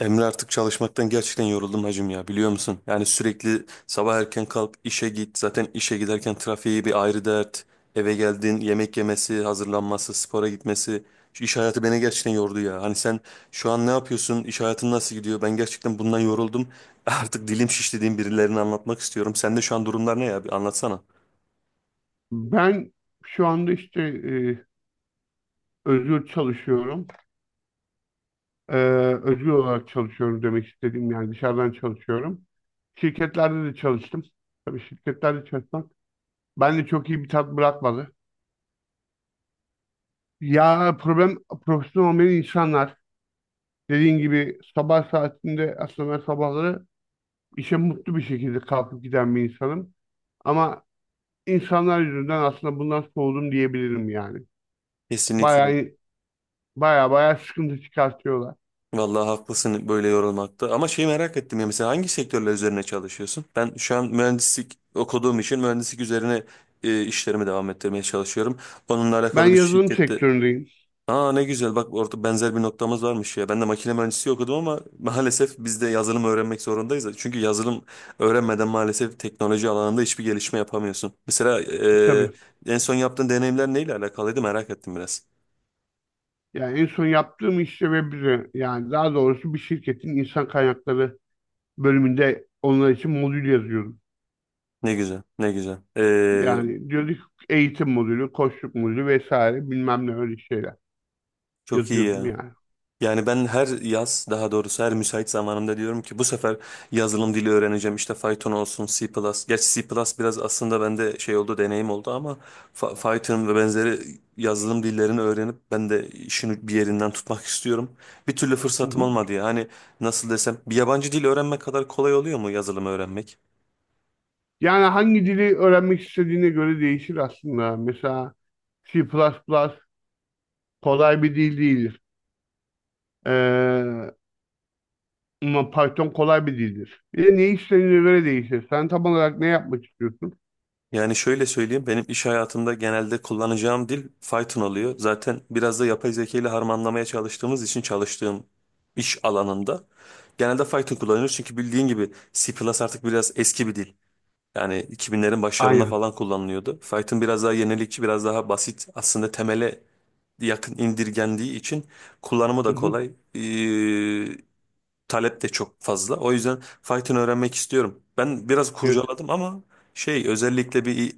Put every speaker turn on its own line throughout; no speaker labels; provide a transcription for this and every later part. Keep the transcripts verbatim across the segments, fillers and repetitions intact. Emre artık çalışmaktan gerçekten yoruldum hacım ya, biliyor musun? Yani sürekli sabah erken kalk işe git, zaten işe giderken trafiği bir ayrı dert. Eve geldin yemek yemesi hazırlanması spora gitmesi, şu iş hayatı beni gerçekten yordu ya. Hani sen şu an ne yapıyorsun, iş hayatın nasıl gidiyor? Ben gerçekten bundan yoruldum. Artık dilim şiş dediğim, birilerine anlatmak istiyorum. Sende şu an durumlar ne ya, bir anlatsana.
Ben şu anda işte e, özgür çalışıyorum. E, Özgür olarak çalışıyorum demek istediğim yani dışarıdan çalışıyorum. Şirketlerde de çalıştım. Tabii şirketlerde çalışmak bende çok iyi bir tat bırakmadı. Ya problem profesyonel olmayan insanlar dediğin gibi sabah saatinde aslında ben sabahları işe mutlu bir şekilde kalkıp giden bir insanım. Ama insanlar yüzünden aslında bundan soğudum diyebilirim yani.
Kesinlikle.
Bayağı bayağı bayağı sıkıntı çıkartıyorlar.
Vallahi haklısın, böyle yorulmakta. Ama şeyi merak ettim ya, mesela hangi sektörler üzerine çalışıyorsun? Ben şu an mühendislik okuduğum için mühendislik üzerine e, işlerimi devam ettirmeye çalışıyorum. Onunla
Ben
alakalı bir
yazılım
şirkette.
sektöründeyim.
Aa ne güzel, bak orada benzer bir noktamız varmış ya. Ben de makine mühendisliği okudum ama maalesef biz de yazılım öğrenmek zorundayız. Çünkü yazılım öğrenmeden maalesef teknoloji alanında hiçbir gelişme yapamıyorsun. Mesela
E,
e,
tabii.
en son yaptığın deneyimler neyle alakalıydı, merak ettim biraz.
Yani en son yaptığım iş de web üzerine. Yani daha doğrusu bir şirketin insan kaynakları bölümünde onlar için modül yazıyorum.
Ne güzel, ne güzel. E,
Yani diyorduk eğitim modülü, koçluk modülü vesaire bilmem ne öyle şeyler
çok iyi
yazıyordum
ya.
yani.
Yani ben her yaz, daha doğrusu her müsait zamanımda diyorum ki bu sefer yazılım dili öğreneceğim. İşte Python olsun, C++. Gerçi C++ biraz aslında bende şey oldu, deneyim oldu ama Fa- Python ve benzeri yazılım dillerini öğrenip ben de işini bir yerinden tutmak istiyorum. Bir türlü
Hı
fırsatım
hı.
olmadı ya. Hani nasıl desem, bir yabancı dil öğrenmek kadar kolay oluyor mu yazılım öğrenmek?
Yani hangi dili öğrenmek istediğine göre değişir aslında. Mesela C++ plus plus kolay bir dil değildir. Ee, ama Python kolay bir dildir. Bir de ne istediğine göre değişir. Sen tam olarak ne yapmak istiyorsun?
Yani şöyle söyleyeyim, benim iş hayatımda genelde kullanacağım dil Python oluyor. Zaten biraz da yapay zeka ile harmanlamaya çalıştığımız için çalıştığım iş alanında genelde Python kullanıyoruz. Çünkü bildiğin gibi C++ artık biraz eski bir dil. Yani iki binlerin başlarında
Aynen.
falan kullanılıyordu. Python biraz daha yenilikçi, biraz daha basit. Aslında temele yakın indirgendiği için kullanımı
Hı
da
hı.
kolay. Ee, talep de çok fazla. O yüzden Python öğrenmek istiyorum. Ben biraz
Evet.
kurcaladım ama şey, özellikle bir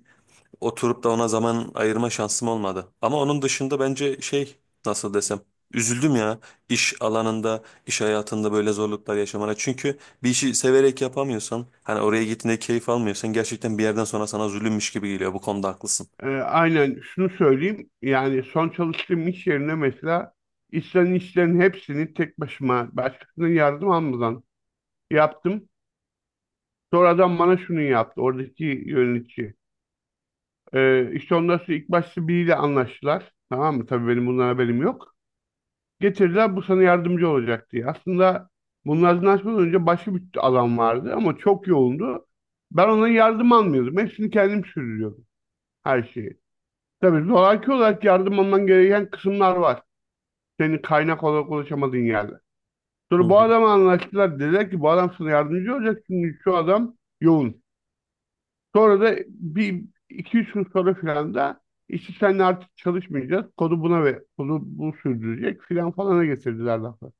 oturup da ona zaman ayırma şansım olmadı. Ama onun dışında bence şey, nasıl desem, üzüldüm ya iş alanında, iş hayatında böyle zorluklar yaşamana. Çünkü bir işi severek yapamıyorsan, hani oraya gittiğinde keyif almıyorsan gerçekten bir yerden sonra sana zulümmüş gibi geliyor. Bu konuda haklısın.
Ee, aynen şunu söyleyeyim. Yani son çalıştığım iş yerine mesela istenen işlerin hepsini tek başıma başkasının yardım almadan yaptım. Sonra adam bana şunu yaptı. Oradaki yönetici. Ee, işte ondan sonra ilk başta biriyle anlaştılar. Tamam mı? Tabii benim bundan haberim yok. Getirdiler bu sana yardımcı olacak diye. Aslında bunlardan anlaşmadan önce başka bir alan vardı ama çok yoğundu. Ben ona yardım almıyordum. Hepsini kendim sürdürüyordum. Her şeyi. Tabii zoraki olarak yardım alman gereken kısımlar var. Senin kaynak olarak ulaşamadığın yerde.
Hı
Sonra bu
hı.
adamla anlaştılar. Dediler ki bu adam sana yardımcı olacak çünkü şu adam yoğun. Sonra da bir iki üç gün sonra filan da işte seninle artık çalışmayacağız. Kodu buna ve kodu bu sürdürecek filan falana getirdiler lafı.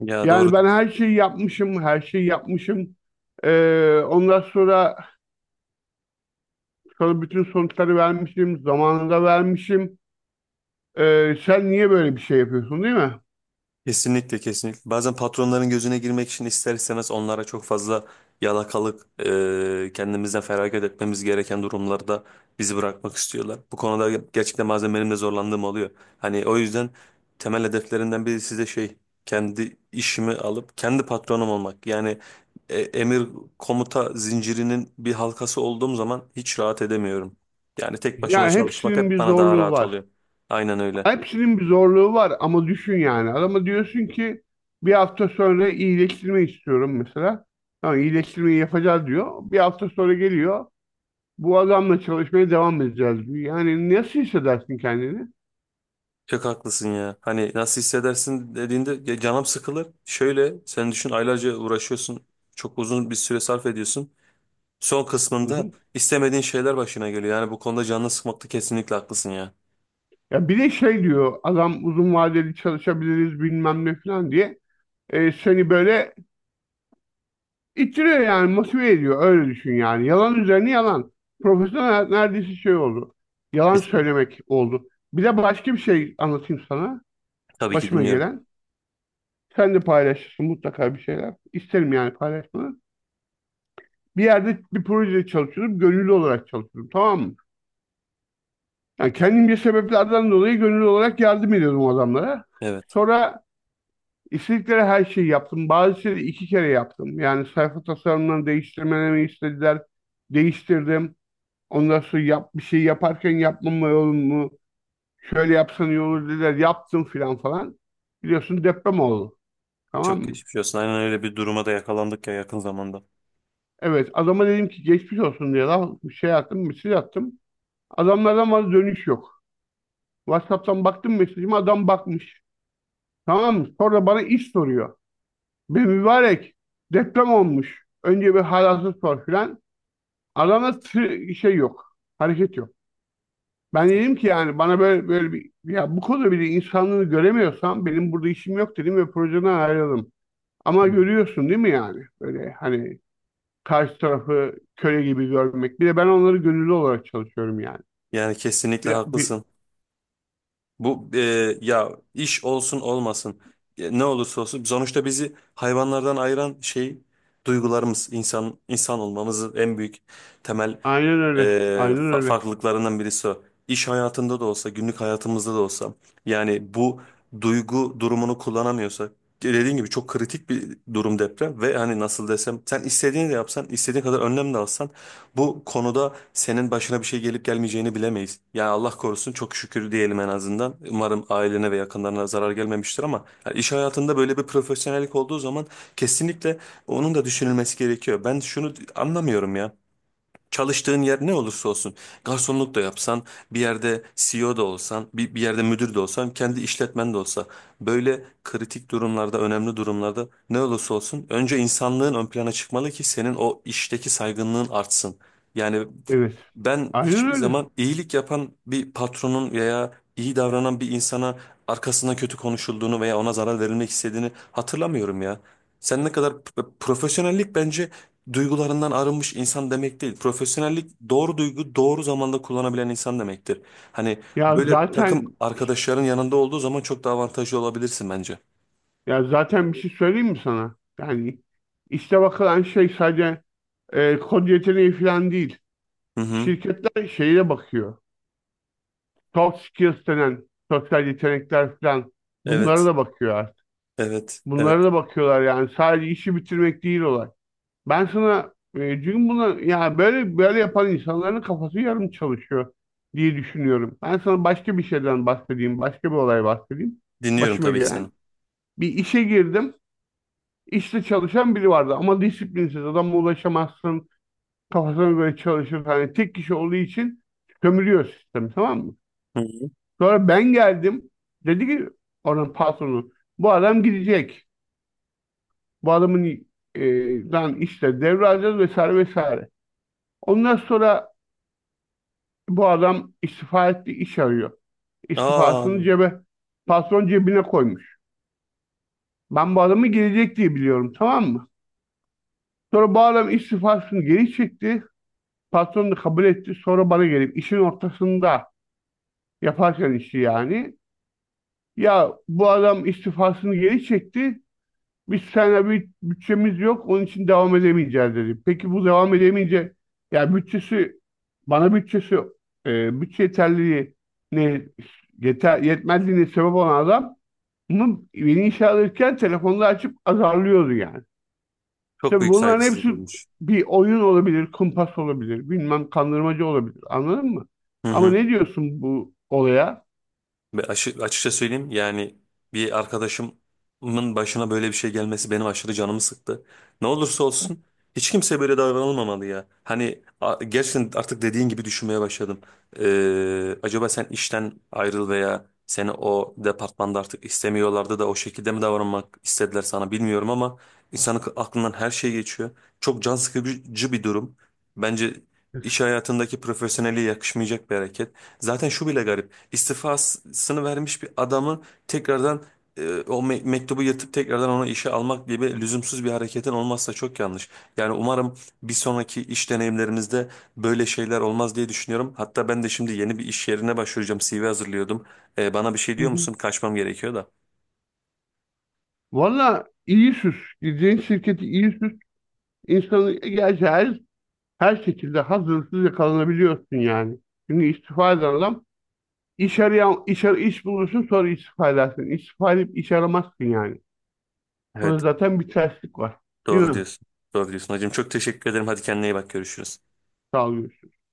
Ya doğru.
Yani ben her şeyi yapmışım, her şeyi yapmışım. Ee, ondan sonra sana bütün sonuçları vermişim, zamanında vermişim. Ee, sen niye böyle bir şey yapıyorsun değil mi?
Kesinlikle, kesinlikle. Bazen patronların gözüne girmek için ister istemez onlara çok fazla yalakalık, e, kendimizden feragat etmemiz gereken durumlarda bizi bırakmak istiyorlar. Bu konuda gerçekten bazen benim de zorlandığım oluyor. Hani o yüzden temel hedeflerinden biri size şey, kendi işimi alıp kendi patronum olmak. Yani e, emir komuta zincirinin bir halkası olduğum zaman hiç rahat edemiyorum. Yani tek başıma
Ya
çalışmak
hepsinin
hep
bir
bana daha
zorluğu
rahat
var.
oluyor. Aynen öyle.
Hepsinin bir zorluğu var ama düşün yani. Adama diyorsun ki bir hafta sonra iyileştirme istiyorum mesela. Tamam, iyileştirmeyi yapacağız diyor. Bir hafta sonra geliyor. Bu adamla çalışmaya devam edeceğiz diyor. Yani nasıl hissedersin kendini?
Çok haklısın ya. Hani nasıl hissedersin dediğinde, ya canım sıkılır. Şöyle sen düşün, aylarca uğraşıyorsun. Çok uzun bir süre sarf ediyorsun. Son
Hı
kısmında
hı.
istemediğin şeyler başına geliyor. Yani bu konuda canını sıkmakta kesinlikle haklısın ya.
Ya bir de şey diyor adam uzun vadeli çalışabiliriz bilmem ne falan diye. E, seni böyle İttiriyor yani motive ediyor öyle düşün yani. Yalan üzerine yalan. Profesyonel hayat neredeyse şey oldu. Yalan
Kesin.
söylemek oldu. Bir de başka bir şey anlatayım sana.
Tabii ki
Başıma
dinliyorum.
gelen. Sen de paylaşırsın mutlaka bir şeyler. İsterim yani paylaşmanı. Bir yerde bir projede çalışıyordum. Gönüllü olarak çalışıyordum, tamam mı? Yani kendimce sebeplerden dolayı gönüllü olarak yardım ediyordum o adamlara.
Evet.
Sonra istedikleri her şeyi yaptım. Bazı şeyleri iki kere yaptım. Yani sayfa tasarımlarını değiştirmemi istediler. Değiştirdim. Ondan sonra yap, bir şey yaparken yapmama olur mu? Şöyle yapsan iyi olur dediler. Yaptım filan falan. Biliyorsun deprem oldu. Tamam
Çok
mı?
geçmiş olsun. Aynen öyle bir duruma da yakalandık ya yakın zamanda.
Evet, adama dedim ki geçmiş olsun diye lan, bir şey attım, mesaj attım. Adamlardan bana dönüş yok. WhatsApp'tan baktım mesajıma, adam bakmış. Tamam mı? Sonra bana iş soruyor. Be mübarek, deprem olmuş. Önce bir halasını sor filan. Adamda tı- şey yok. Hareket yok. Ben dedim ki yani bana böyle böyle bir ya bu konuda bile insanlığını göremiyorsam benim burada işim yok dedim ve projeden ayrıldım. Ama
Hı hı.
görüyorsun değil mi yani? Böyle hani karşı tarafı köle gibi görmek. Bir de ben onları gönüllü olarak çalışıyorum yani.
Yani kesinlikle
Bir, bir
haklısın. Bu e, ya iş olsun olmasın, e, ne olursa olsun sonuçta bizi hayvanlardan ayıran şey duygularımız, insan insan olmamızın en büyük temel
aynen
e,
öyle. Aynen
fa-
öyle.
farklılıklarından birisi o. İş hayatında da olsa, günlük hayatımızda da olsa yani bu duygu durumunu kullanamıyorsak, dediğin gibi çok kritik bir durum deprem ve hani nasıl desem, sen istediğini de yapsan, istediğin kadar önlem de alsan bu konuda senin başına bir şey gelip gelmeyeceğini bilemeyiz. Yani Allah korusun, çok şükür diyelim en azından. Umarım ailene ve yakınlarına zarar gelmemiştir ama yani iş hayatında böyle bir profesyonellik olduğu zaman kesinlikle onun da düşünülmesi gerekiyor. Ben şunu anlamıyorum ya. Çalıştığın yer ne olursa olsun, garsonluk da yapsan, bir yerde C E O da olsan, bir, bir yerde müdür de olsan, kendi işletmen de olsa, böyle kritik durumlarda, önemli durumlarda ne olursa olsun önce insanlığın ön plana çıkmalı ki senin o işteki saygınlığın artsın. Yani
Evet.
ben
Aynen
hiçbir
öyle.
zaman iyilik yapan bir patronun veya iyi davranan bir insana arkasından kötü konuşulduğunu veya ona zarar verilmek istediğini hatırlamıyorum ya. Sen ne kadar profesyonellik, bence duygularından arınmış insan demek değil. Profesyonellik doğru duygu doğru zamanda kullanabilen insan demektir. Hani
Ya
böyle takım
zaten
arkadaşların yanında olduğu zaman çok daha avantajlı olabilirsin bence.
ya zaten bir şey söyleyeyim mi sana? Yani işte bakılan şey sadece e, kod yeteneği falan değil.
Hı hı.
Şirketler şeye bakıyor. Soft skills denen sosyal yetenekler falan, bunlara
Evet.
da bakıyor artık.
Evet. Evet.
Bunlara da bakıyorlar yani sadece işi bitirmek değil olay. Ben sana e, çünkü bunu ya böyle böyle yapan insanların kafası yarım çalışıyor diye düşünüyorum. Ben sana başka bir şeyden bahsedeyim, başka bir olay bahsedeyim.
Dinliyorum
Başıma
tabii ki seni.
gelen. Bir işe girdim. İşte çalışan biri vardı ama disiplinsiz, adama ulaşamazsın. Kafasına göre çalışır. Hani tek kişi olduğu için sömürüyor sistemi, tamam mı?
Hı hı.
Sonra ben geldim. Dedi ki oranın patronu, bu adam gidecek. Bu adamın e, dan işte devralacağız vesaire vesaire. Ondan sonra bu adam istifa etti, iş arıyor.
Aa,
İstifasını cebe, patron cebine koymuş. Ben bu adamı gelecek diye biliyorum, tamam mı? Sonra bu adam istifasını geri çekti. Patron da kabul etti. Sonra bana gelip işin ortasında, yaparken işi yani. Ya bu adam istifasını geri çekti, biz seninle bir bütçemiz yok onun için devam edemeyeceğiz dedi. Peki bu devam edemeyince ya bütçesi, bana bütçesi, e, bütçe yeterliliği ne yeter, yetmezliğine sebep olan adam bunu beni işe alırken telefonla açıp azarlıyordu yani.
çok
Tabii
büyük
bunların
saygısızlık
hepsi
olmuş.
bir oyun olabilir, kumpas olabilir, bilmem kandırmacı olabilir. Anladın mı?
Hı
Ama
hı.
ne diyorsun bu olaya?
Ve aşı- açıkça söyleyeyim yani, bir arkadaşımın başına böyle bir şey gelmesi benim aşırı canımı sıktı. Ne olursa olsun hiç kimse böyle davranılmamalı ya. Hani a- gerçekten artık dediğin gibi düşünmeye başladım. Ee, acaba sen işten ayrıl veya seni o departmanda artık istemiyorlardı da o şekilde mi davranmak istediler sana, bilmiyorum ama insanın aklından her şey geçiyor. Çok can sıkıcı bir durum. Bence iş hayatındaki profesyonelliğe yakışmayacak bir hareket. Zaten şu bile garip, istifasını vermiş bir adamı tekrardan, e, o me- mektubu yırtıp tekrardan onu işe almak gibi lüzumsuz bir hareketin olmazsa çok yanlış. Yani umarım bir sonraki iş deneyimlerinizde böyle şeyler olmaz diye düşünüyorum. Hatta ben de şimdi yeni bir iş yerine başvuracağım. C V hazırlıyordum. E, bana bir şey
Hı
diyor
hı.
musun? Kaçmam gerekiyor da.
Valla iyi süs. Gideceğin şirketi iyi süs. İnsanı gerçi her her şekilde hazırsız yakalanabiliyorsun yani. Çünkü istifa eden adam iş arayan, iş, ar- iş bulursun sonra istifa edersin. İstifa edip iş aramazsın yani. Burada
Evet,
zaten bir terslik var. Değil
doğru
mi?
diyorsun. Doğru diyorsun hacım. Çok teşekkür ederim. Hadi kendine iyi bak. Görüşürüz.
Sağ ol, görüşürüz.